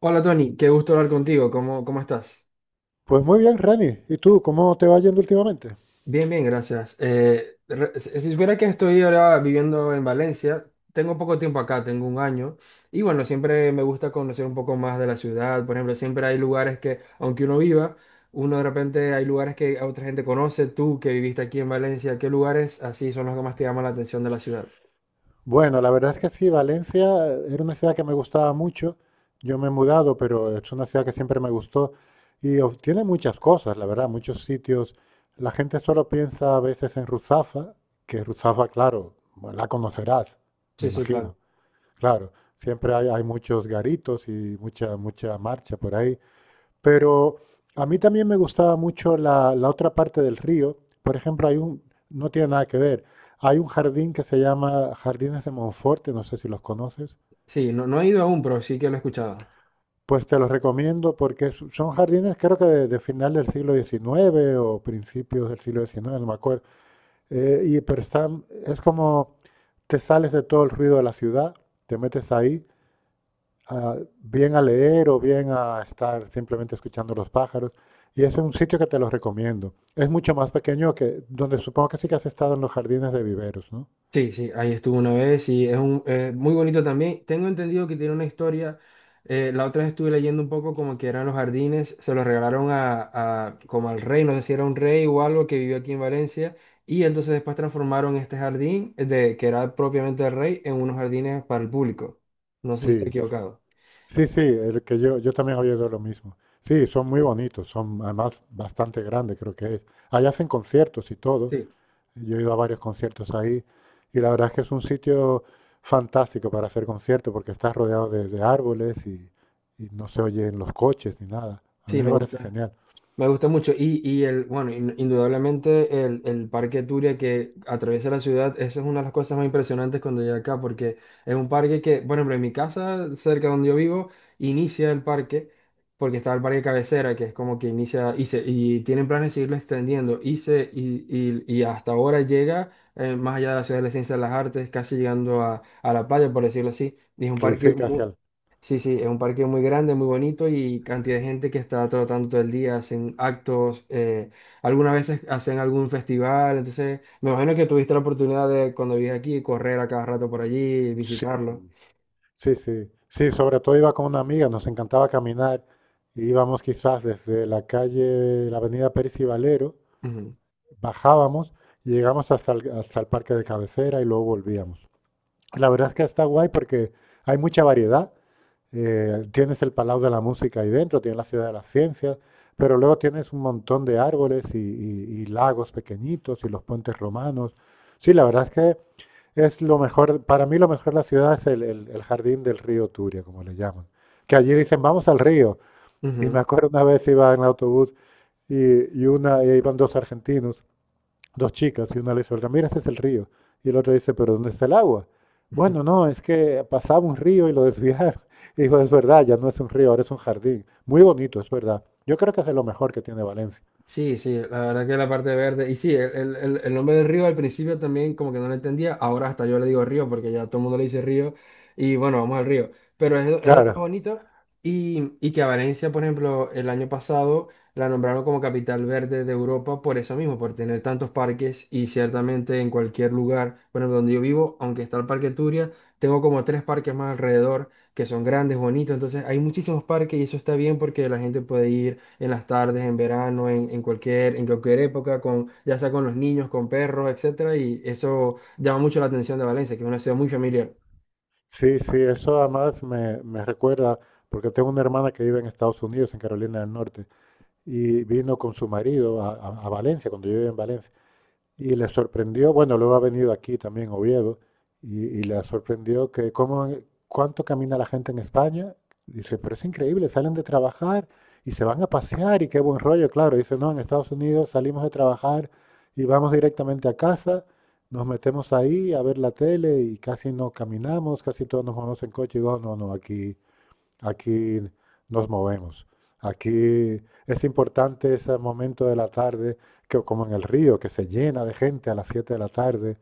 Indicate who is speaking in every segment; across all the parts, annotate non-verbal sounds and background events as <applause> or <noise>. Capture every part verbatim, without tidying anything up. Speaker 1: Hola Tony, qué gusto hablar contigo. ¿Cómo, cómo estás?
Speaker 2: Pues muy bien, Rani. ¿Y tú, cómo te va yendo últimamente?
Speaker 1: Bien, bien, gracias. Eh, re- si si supiera que estoy ahora viviendo en Valencia, tengo poco tiempo acá, tengo un año, y bueno, siempre me gusta conocer un poco más de la ciudad. Por ejemplo, siempre hay lugares que, aunque uno viva, uno de repente hay lugares que a otra gente conoce. Tú que viviste aquí en Valencia, ¿qué lugares así son los que más te llaman la atención de la ciudad?
Speaker 2: Bueno, la verdad es que sí, Valencia era una ciudad que me gustaba mucho. Yo me he mudado, pero es una ciudad que siempre me gustó y of- tiene muchas cosas, la verdad, muchos sitios. La gente solo piensa a veces en Ruzafa, que Ruzafa, claro, bueno, la conocerás, me
Speaker 1: Sí, sí,
Speaker 2: imagino.
Speaker 1: claro.
Speaker 2: Claro, siempre hay, hay muchos garitos y mucha, mucha marcha por ahí. Pero a mí también me gustaba mucho la, la otra parte del río. Por ejemplo, hay un, no tiene nada que ver. Hay un jardín que se llama Jardines de Monforte, no sé si los conoces.
Speaker 1: Sí, no, no he ido aún, pero sí que lo he escuchado.
Speaker 2: Pues te los recomiendo porque es- son jardines creo que de, de final del siglo diecinueve o principios del siglo diecinueve, no me acuerdo. Eh, y pero están, es como te sales de todo el ruido de la ciudad, te metes ahí a- bien a leer o bien a estar simplemente escuchando los pájaros. Y es un sitio que te lo recomiendo. Es mucho más pequeño que donde supongo que sí que has estado en los jardines de viveros, ¿no?
Speaker 1: Sí, sí, ahí estuvo una vez y es un, eh, muy bonito también. Tengo entendido que tiene una historia. Eh, la otra vez estuve leyendo un poco como que eran los jardines, se los regalaron a, a- como al rey, no sé si era un rey o algo que vivió aquí en Valencia y entonces después transformaron este jardín de que era propiamente del rey en unos jardines para el público. No sé si estoy
Speaker 2: Sí, s-
Speaker 1: equivocado.
Speaker 2: sí, sí, el que yo, yo también había oído lo mismo. Sí, son muy bonitos, son además bastante grandes, creo que es. Ahí hacen conciertos y todo.
Speaker 1: Sí,
Speaker 2: Yo he ido a varios conciertos ahí y la verdad es que es un sitio fantástico para hacer conciertos porque está rodeado de, de árboles y, y no se oyen los coches ni nada. A mí
Speaker 1: sí,
Speaker 2: me
Speaker 1: me
Speaker 2: parece
Speaker 1: gusta.
Speaker 2: genial.
Speaker 1: Me gusta mucho. Y, y el, bueno, in- indudablemente el, el Parque Turia que atraviesa la ciudad, esa es una de las cosas más impresionantes cuando llegué acá, porque es un parque que, por ejemplo, en mi casa, cerca donde yo vivo, inicia el parque, porque está el parque cabecera, que es como que inicia, y, se, y tienen planes de seguirlo extendiendo, y, se, y, y- y hasta ahora llega eh, más allá de la ciudad de la ciencia de las artes, casi llegando a, a la playa, por decirlo así. Y es un
Speaker 2: Sí,
Speaker 1: parque
Speaker 2: sí, casi
Speaker 1: muy,
Speaker 2: al-
Speaker 1: Sí, sí, es un parque muy grande, muy bonito y cantidad de gente que está trotando todo el día, hacen actos, eh, algunas veces hacen algún festival, entonces me imagino que tuviste la oportunidad de cuando vives aquí correr a cada rato por allí,
Speaker 2: sí,
Speaker 1: visitarlo.
Speaker 2: sí, sí. Sí, sobre todo iba con una amiga, nos encantaba caminar. Íbamos quizás desde la calle, la avenida Pérez y Valero,
Speaker 1: Ujú,
Speaker 2: bajábamos y llegamos hasta el, hasta el parque de cabecera y luego volvíamos. La verdad es que está guay porque hay mucha variedad. Eh, tienes el Palau de la Música ahí dentro, tienes la Ciudad de las Ciencias, pero luego tienes un montón de árboles y, y- y lagos pequeñitos y los puentes romanos. Sí, la verdad es que es lo mejor, para mí lo mejor de la ciudad es el, el- el jardín del río Turia, como le llaman. Que allí dicen, vamos al río. Y me
Speaker 1: ujú.
Speaker 2: acuerdo una vez iba en autobús y, y una, y iban dos argentinos, dos chicas, y una le dice, "Olga, mira, ese es el río. Y el otro dice, pero ¿dónde está el agua? Bueno, no, es que pasaba un río y lo desviaron. <laughs> Y dijo, es verdad, ya no es un río, ahora es un jardín. Muy bonito, es verdad. Yo creo que es de lo mejor que tiene Valencia.
Speaker 1: Sí, sí, la verdad que la parte verde. Y sí, el, el- el- el nombre del río al principio también como que no lo entendía. Ahora hasta yo le digo río porque ya todo el mundo le dice río. Y bueno, vamos al río. Pero es, de es de lo más
Speaker 2: Claro,
Speaker 1: bonito. Y, y que a Valencia, por ejemplo, el año pasado la nombraron como capital verde de Europa por eso mismo, por tener tantos parques. Y ciertamente en cualquier lugar, bueno, donde yo vivo, aunque está el Parque Turia, tengo como tres parques más alrededor que son grandes, bonitos. Entonces hay muchísimos parques y eso está bien porque la gente puede ir en las tardes, en verano, en, en cualquier, en cualquier época, con, ya sea con los niños, con perros, etcétera, y eso llama mucho la atención de Valencia, que es una ciudad muy familiar.
Speaker 2: sí, sí, eso además me, me recuerda, porque tengo una hermana que vive en Estados Unidos, en Carolina del Norte. Y vino con su marido a, a- a Valencia, cuando yo vivía en Valencia, y le sorprendió, bueno, luego ha venido aquí también a Oviedo, y, y le sorprendió que cómo, cuánto camina la gente en España. Dice, pero es increíble, salen de trabajar y se van a pasear y qué buen rollo, claro. Dice, no, en Estados Unidos salimos de trabajar y vamos directamente a casa, nos metemos ahí a ver la tele y casi no caminamos, casi todos nos vamos en coche. Y digo, no, no, aquí aquí nos movemos. Aquí es importante ese momento de la tarde, que, como en el río, que se llena de gente a las siete de la tarde.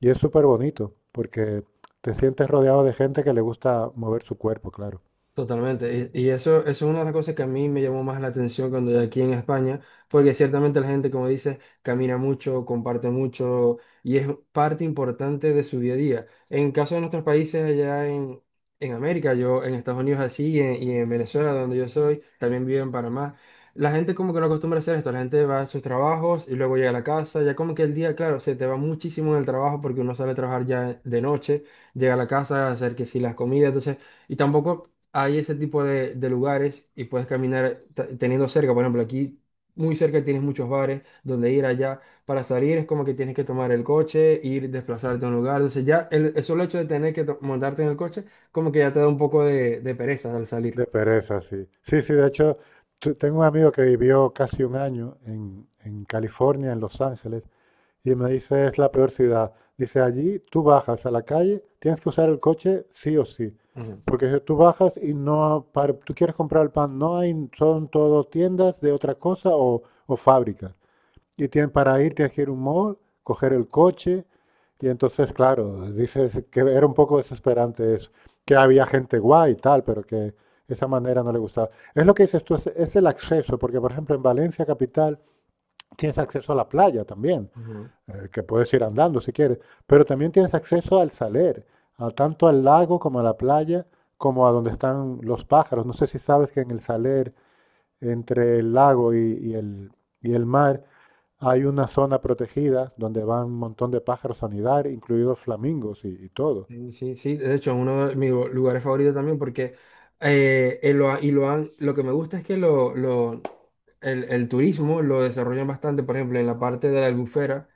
Speaker 2: Y es súper bonito, porque te sientes rodeado de gente que le gusta mover su cuerpo, claro.
Speaker 1: Totalmente. Y, y eso, eso es una de las cosas que a mí me llamó más la atención cuando yo aquí en España, porque ciertamente la gente, como dices, camina mucho, comparte mucho y es parte importante de su día a día. En caso de nuestros países allá en, en América, yo en Estados Unidos así y en, y en Venezuela, donde yo soy, también vivo en Panamá, la gente como que no acostumbra a hacer esto. La gente va a sus trabajos y luego llega a la casa, ya como que el día, claro, se te va muchísimo en el trabajo porque uno sale a trabajar ya de noche, llega a la casa a hacer que si las comidas, entonces... Y tampoco hay ese tipo de, de lugares y puedes caminar t- teniendo cerca, por ejemplo, aquí muy cerca tienes muchos bares donde ir allá. Para salir es como que tienes que tomar el coche, ir, desplazarte a un lugar. Entonces ya el, el solo hecho de tener que to- montarte en el coche, como que ya te da un poco de, de pereza al salir.
Speaker 2: De pereza, sí. Sí, sí, de hecho, tu- tengo un amigo que vivió casi un año en, en California, en Los Ángeles, y me dice, es la peor ciudad. Dice, allí tú bajas a la calle, tienes que usar el coche sí o sí.
Speaker 1: Ujú,
Speaker 2: Porque si tú bajas y no, para- tú quieres comprar el pan, no hay, son todo tiendas de otra cosa o, o fábricas. Y tienes, para ir tienes que ir a un mall, coger el coche. Y entonces, claro, dices que era un poco desesperante eso, que había gente guay y tal, pero que esa manera no le gustaba. Es lo que dices tú, es, es el acceso, porque por ejemplo en Valencia capital tienes acceso a la playa también,
Speaker 1: ujú.
Speaker 2: eh, que puedes ir andando si quieres, pero también tienes acceso al saler, a- tanto al lago como a la playa, como a donde están los pájaros. No sé si sabes que en el saler, entre el lago y, y el, y el mar, hay una zona protegida donde van un montón de pájaros a anidar, incluidos flamingos y, y todo.
Speaker 1: Sí, sí, sí. De hecho, es uno de mis lu- lugares favoritos también porque eh, eh, lo, ha- y lo, han, lo que me gusta es que lo, lo, el, el turismo lo desarrollan bastante, por ejemplo, en la parte de la Albufera,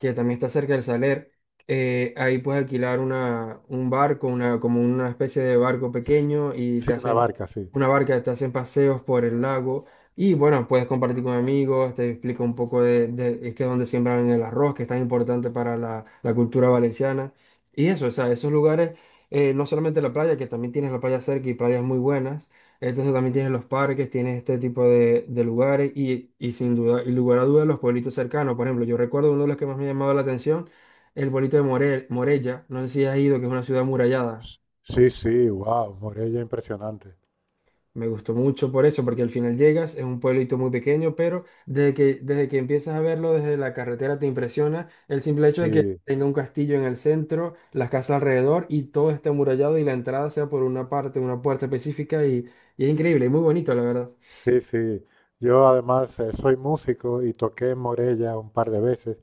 Speaker 1: que también está cerca del Saler, eh, ahí puedes alquilar una, un barco, una, como una especie de barco
Speaker 2: Sí,
Speaker 1: pequeño y
Speaker 2: sí,
Speaker 1: te
Speaker 2: una
Speaker 1: hacen
Speaker 2: barca, sí.
Speaker 1: una barca, te hacen paseos por el lago y bueno, puedes compartir con amigos, te explico un poco de, de- es que es donde siembran el arroz, que es tan importante para la, la cultura valenciana y eso, o sea, esos lugares, eh, no solamente la playa, que también tienes la playa cerca y playas muy buenas. Entonces también tienes los parques, tienes este tipo de, de lugares y, y sin duda, y lugar a duda los pueblitos cercanos. Por ejemplo, yo recuerdo uno de los que más me ha llamado la atención, el pueblito de Morel Morella. No sé si has ido, que es una ciudad amurallada.
Speaker 2: Sí, sí, wow, Morella, impresionante.
Speaker 1: Me gustó mucho por eso, porque al final llegas, es un pueblito muy pequeño, pero desde que, desde que empiezas a verlo desde la carretera te impresiona el simple hecho de que
Speaker 2: Sí,
Speaker 1: tenga un castillo en el centro, las casas alrededor y todo esté amurallado y la entrada sea por una parte, una puerta específica y, y es increíble y muy bonito, la verdad.
Speaker 2: sí, sí. Yo además eh, soy músico y toqué en Morella un par de veces.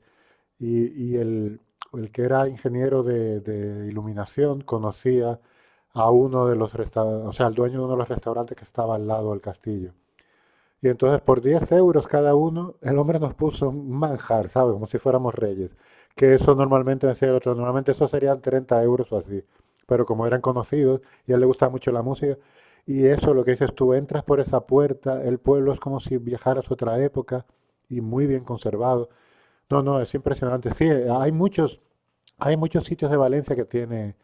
Speaker 2: Y, y el, el que era ingeniero de, de iluminación conocía a uno de los restaurantes, o sea, al dueño de uno de los restaurantes que estaba al lado del castillo. Y entonces por diez euros cada uno, el hombre nos puso un manjar, ¿sabes? Como si fuéramos reyes. Que eso normalmente, decía el otro, normalmente eso serían treinta euros o así. Pero como eran conocidos y a él le gustaba mucho la música, y eso lo que dices tú, entras por esa puerta, el pueblo es como si viajaras a otra época y muy bien conservado. No, no, es impresionante. Sí, eh, hay muchos, hay muchos sitios de Valencia que tiene,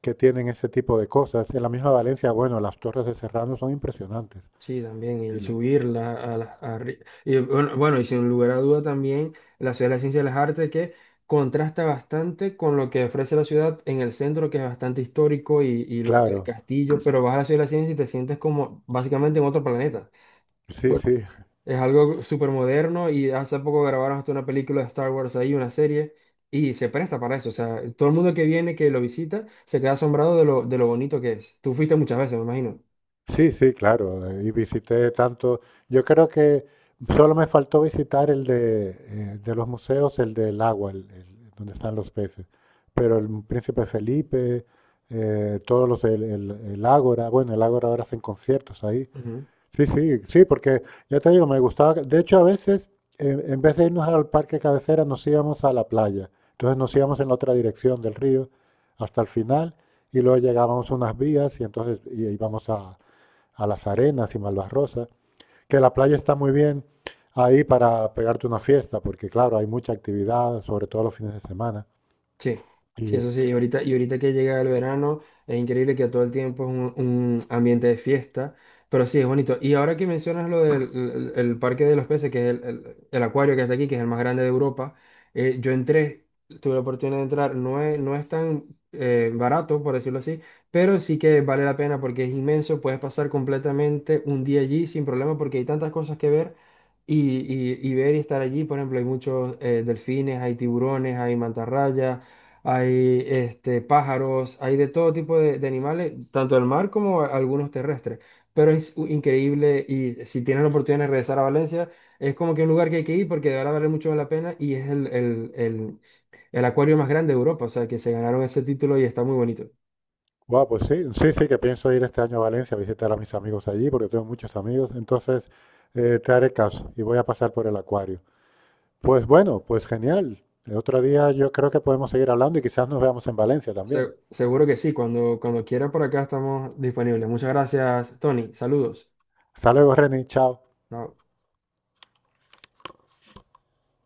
Speaker 2: que tienen ese tipo de cosas. En la misma Valencia, bueno, las torres de Serrano son impresionantes.
Speaker 1: Sí, también y el
Speaker 2: Y la-
Speaker 1: subirla a las... arri- Y bueno, bueno, y sin lugar a duda también la Ciudad de la Ciencia y las Artes que contrasta bastante con lo que ofrece la ciudad en el centro, que es bastante histórico, y, y los- el
Speaker 2: claro,
Speaker 1: castillo, pero vas a la Ciudad de la Ciencia y te sientes como básicamente en otro planeta.
Speaker 2: sí,
Speaker 1: Pues,
Speaker 2: sí,
Speaker 1: es algo súper moderno y hace poco grabaron hasta una película de Star Wars ahí, una serie, y se presta para eso. O sea, todo el mundo que viene, que lo visita, se queda asombrado de lo, de lo bonito que es. Tú fuiste muchas veces, me imagino.
Speaker 2: sí, sí, claro. eh, Y visité tanto. Yo creo que solo me faltó visitar el de, eh, de los museos, el del agua, el, el- donde están los peces. Pero el Príncipe Felipe, eh, todos los, el, el, el Ágora, bueno, el Ágora ahora hacen conciertos ahí.
Speaker 1: Ujú.
Speaker 2: Sí, sí, sí, porque ya te digo, me gustaba. De hecho, a veces, en, en vez de irnos al parque cabecera, nos íbamos a la playa. Entonces nos íbamos en la otra dirección del río hasta el final y luego llegábamos a unas vías y entonces y- íbamos a, a las arenas y Malvarrosa. Que la playa está muy bien ahí para pegarte una fiesta, porque claro, hay mucha actividad, sobre todo los fines de semana.
Speaker 1: Sí, sí,
Speaker 2: Y,
Speaker 1: eso sí. Y ahorita, y ahorita que llega el verano, es increíble que todo el tiempo es un, un ambiente de fiesta, pero sí, es bonito. Y ahora que mencionas lo del el- el Parque de los Peces, que es el, el- el acuario que está aquí, que es el más grande de Europa, eh, yo entré, tuve la oportunidad de entrar, no es, no es tan eh, barato, por decirlo así, pero sí que vale la pena porque es inmenso, puedes pasar completamente un día allí sin problema porque hay tantas cosas que ver y, y- y ver y estar allí. Por ejemplo, hay muchos eh, delfines, hay tiburones, hay mantarrayas, hay este, pájaros, hay de todo tipo de, de animales, tanto del mar como a- algunos terrestres. Pero es u- increíble y si tienes la oportunidad de regresar a Valencia, es como que un lugar que hay que ir porque de verdad vale mucho la pena y es el, el, el, el acuario más grande de Europa, o sea, que se ganaron ese título y está muy bonito.
Speaker 2: guau, pues sí, sí, sí, que pienso ir este año a Valencia a visitar a mis amigos allí, porque tengo muchos amigos. Entonces, eh, te haré caso y voy a pasar por el acuario. Pues bueno, pues genial. El otro día yo creo que podemos seguir hablando y quizás nos veamos en Valencia
Speaker 1: Se-
Speaker 2: también.
Speaker 1: seguro que sí, cuando, cuando quiera por acá estamos disponibles. Muchas gracias, Tony. Saludos.
Speaker 2: Hasta luego, Reni, chao.
Speaker 1: Chao.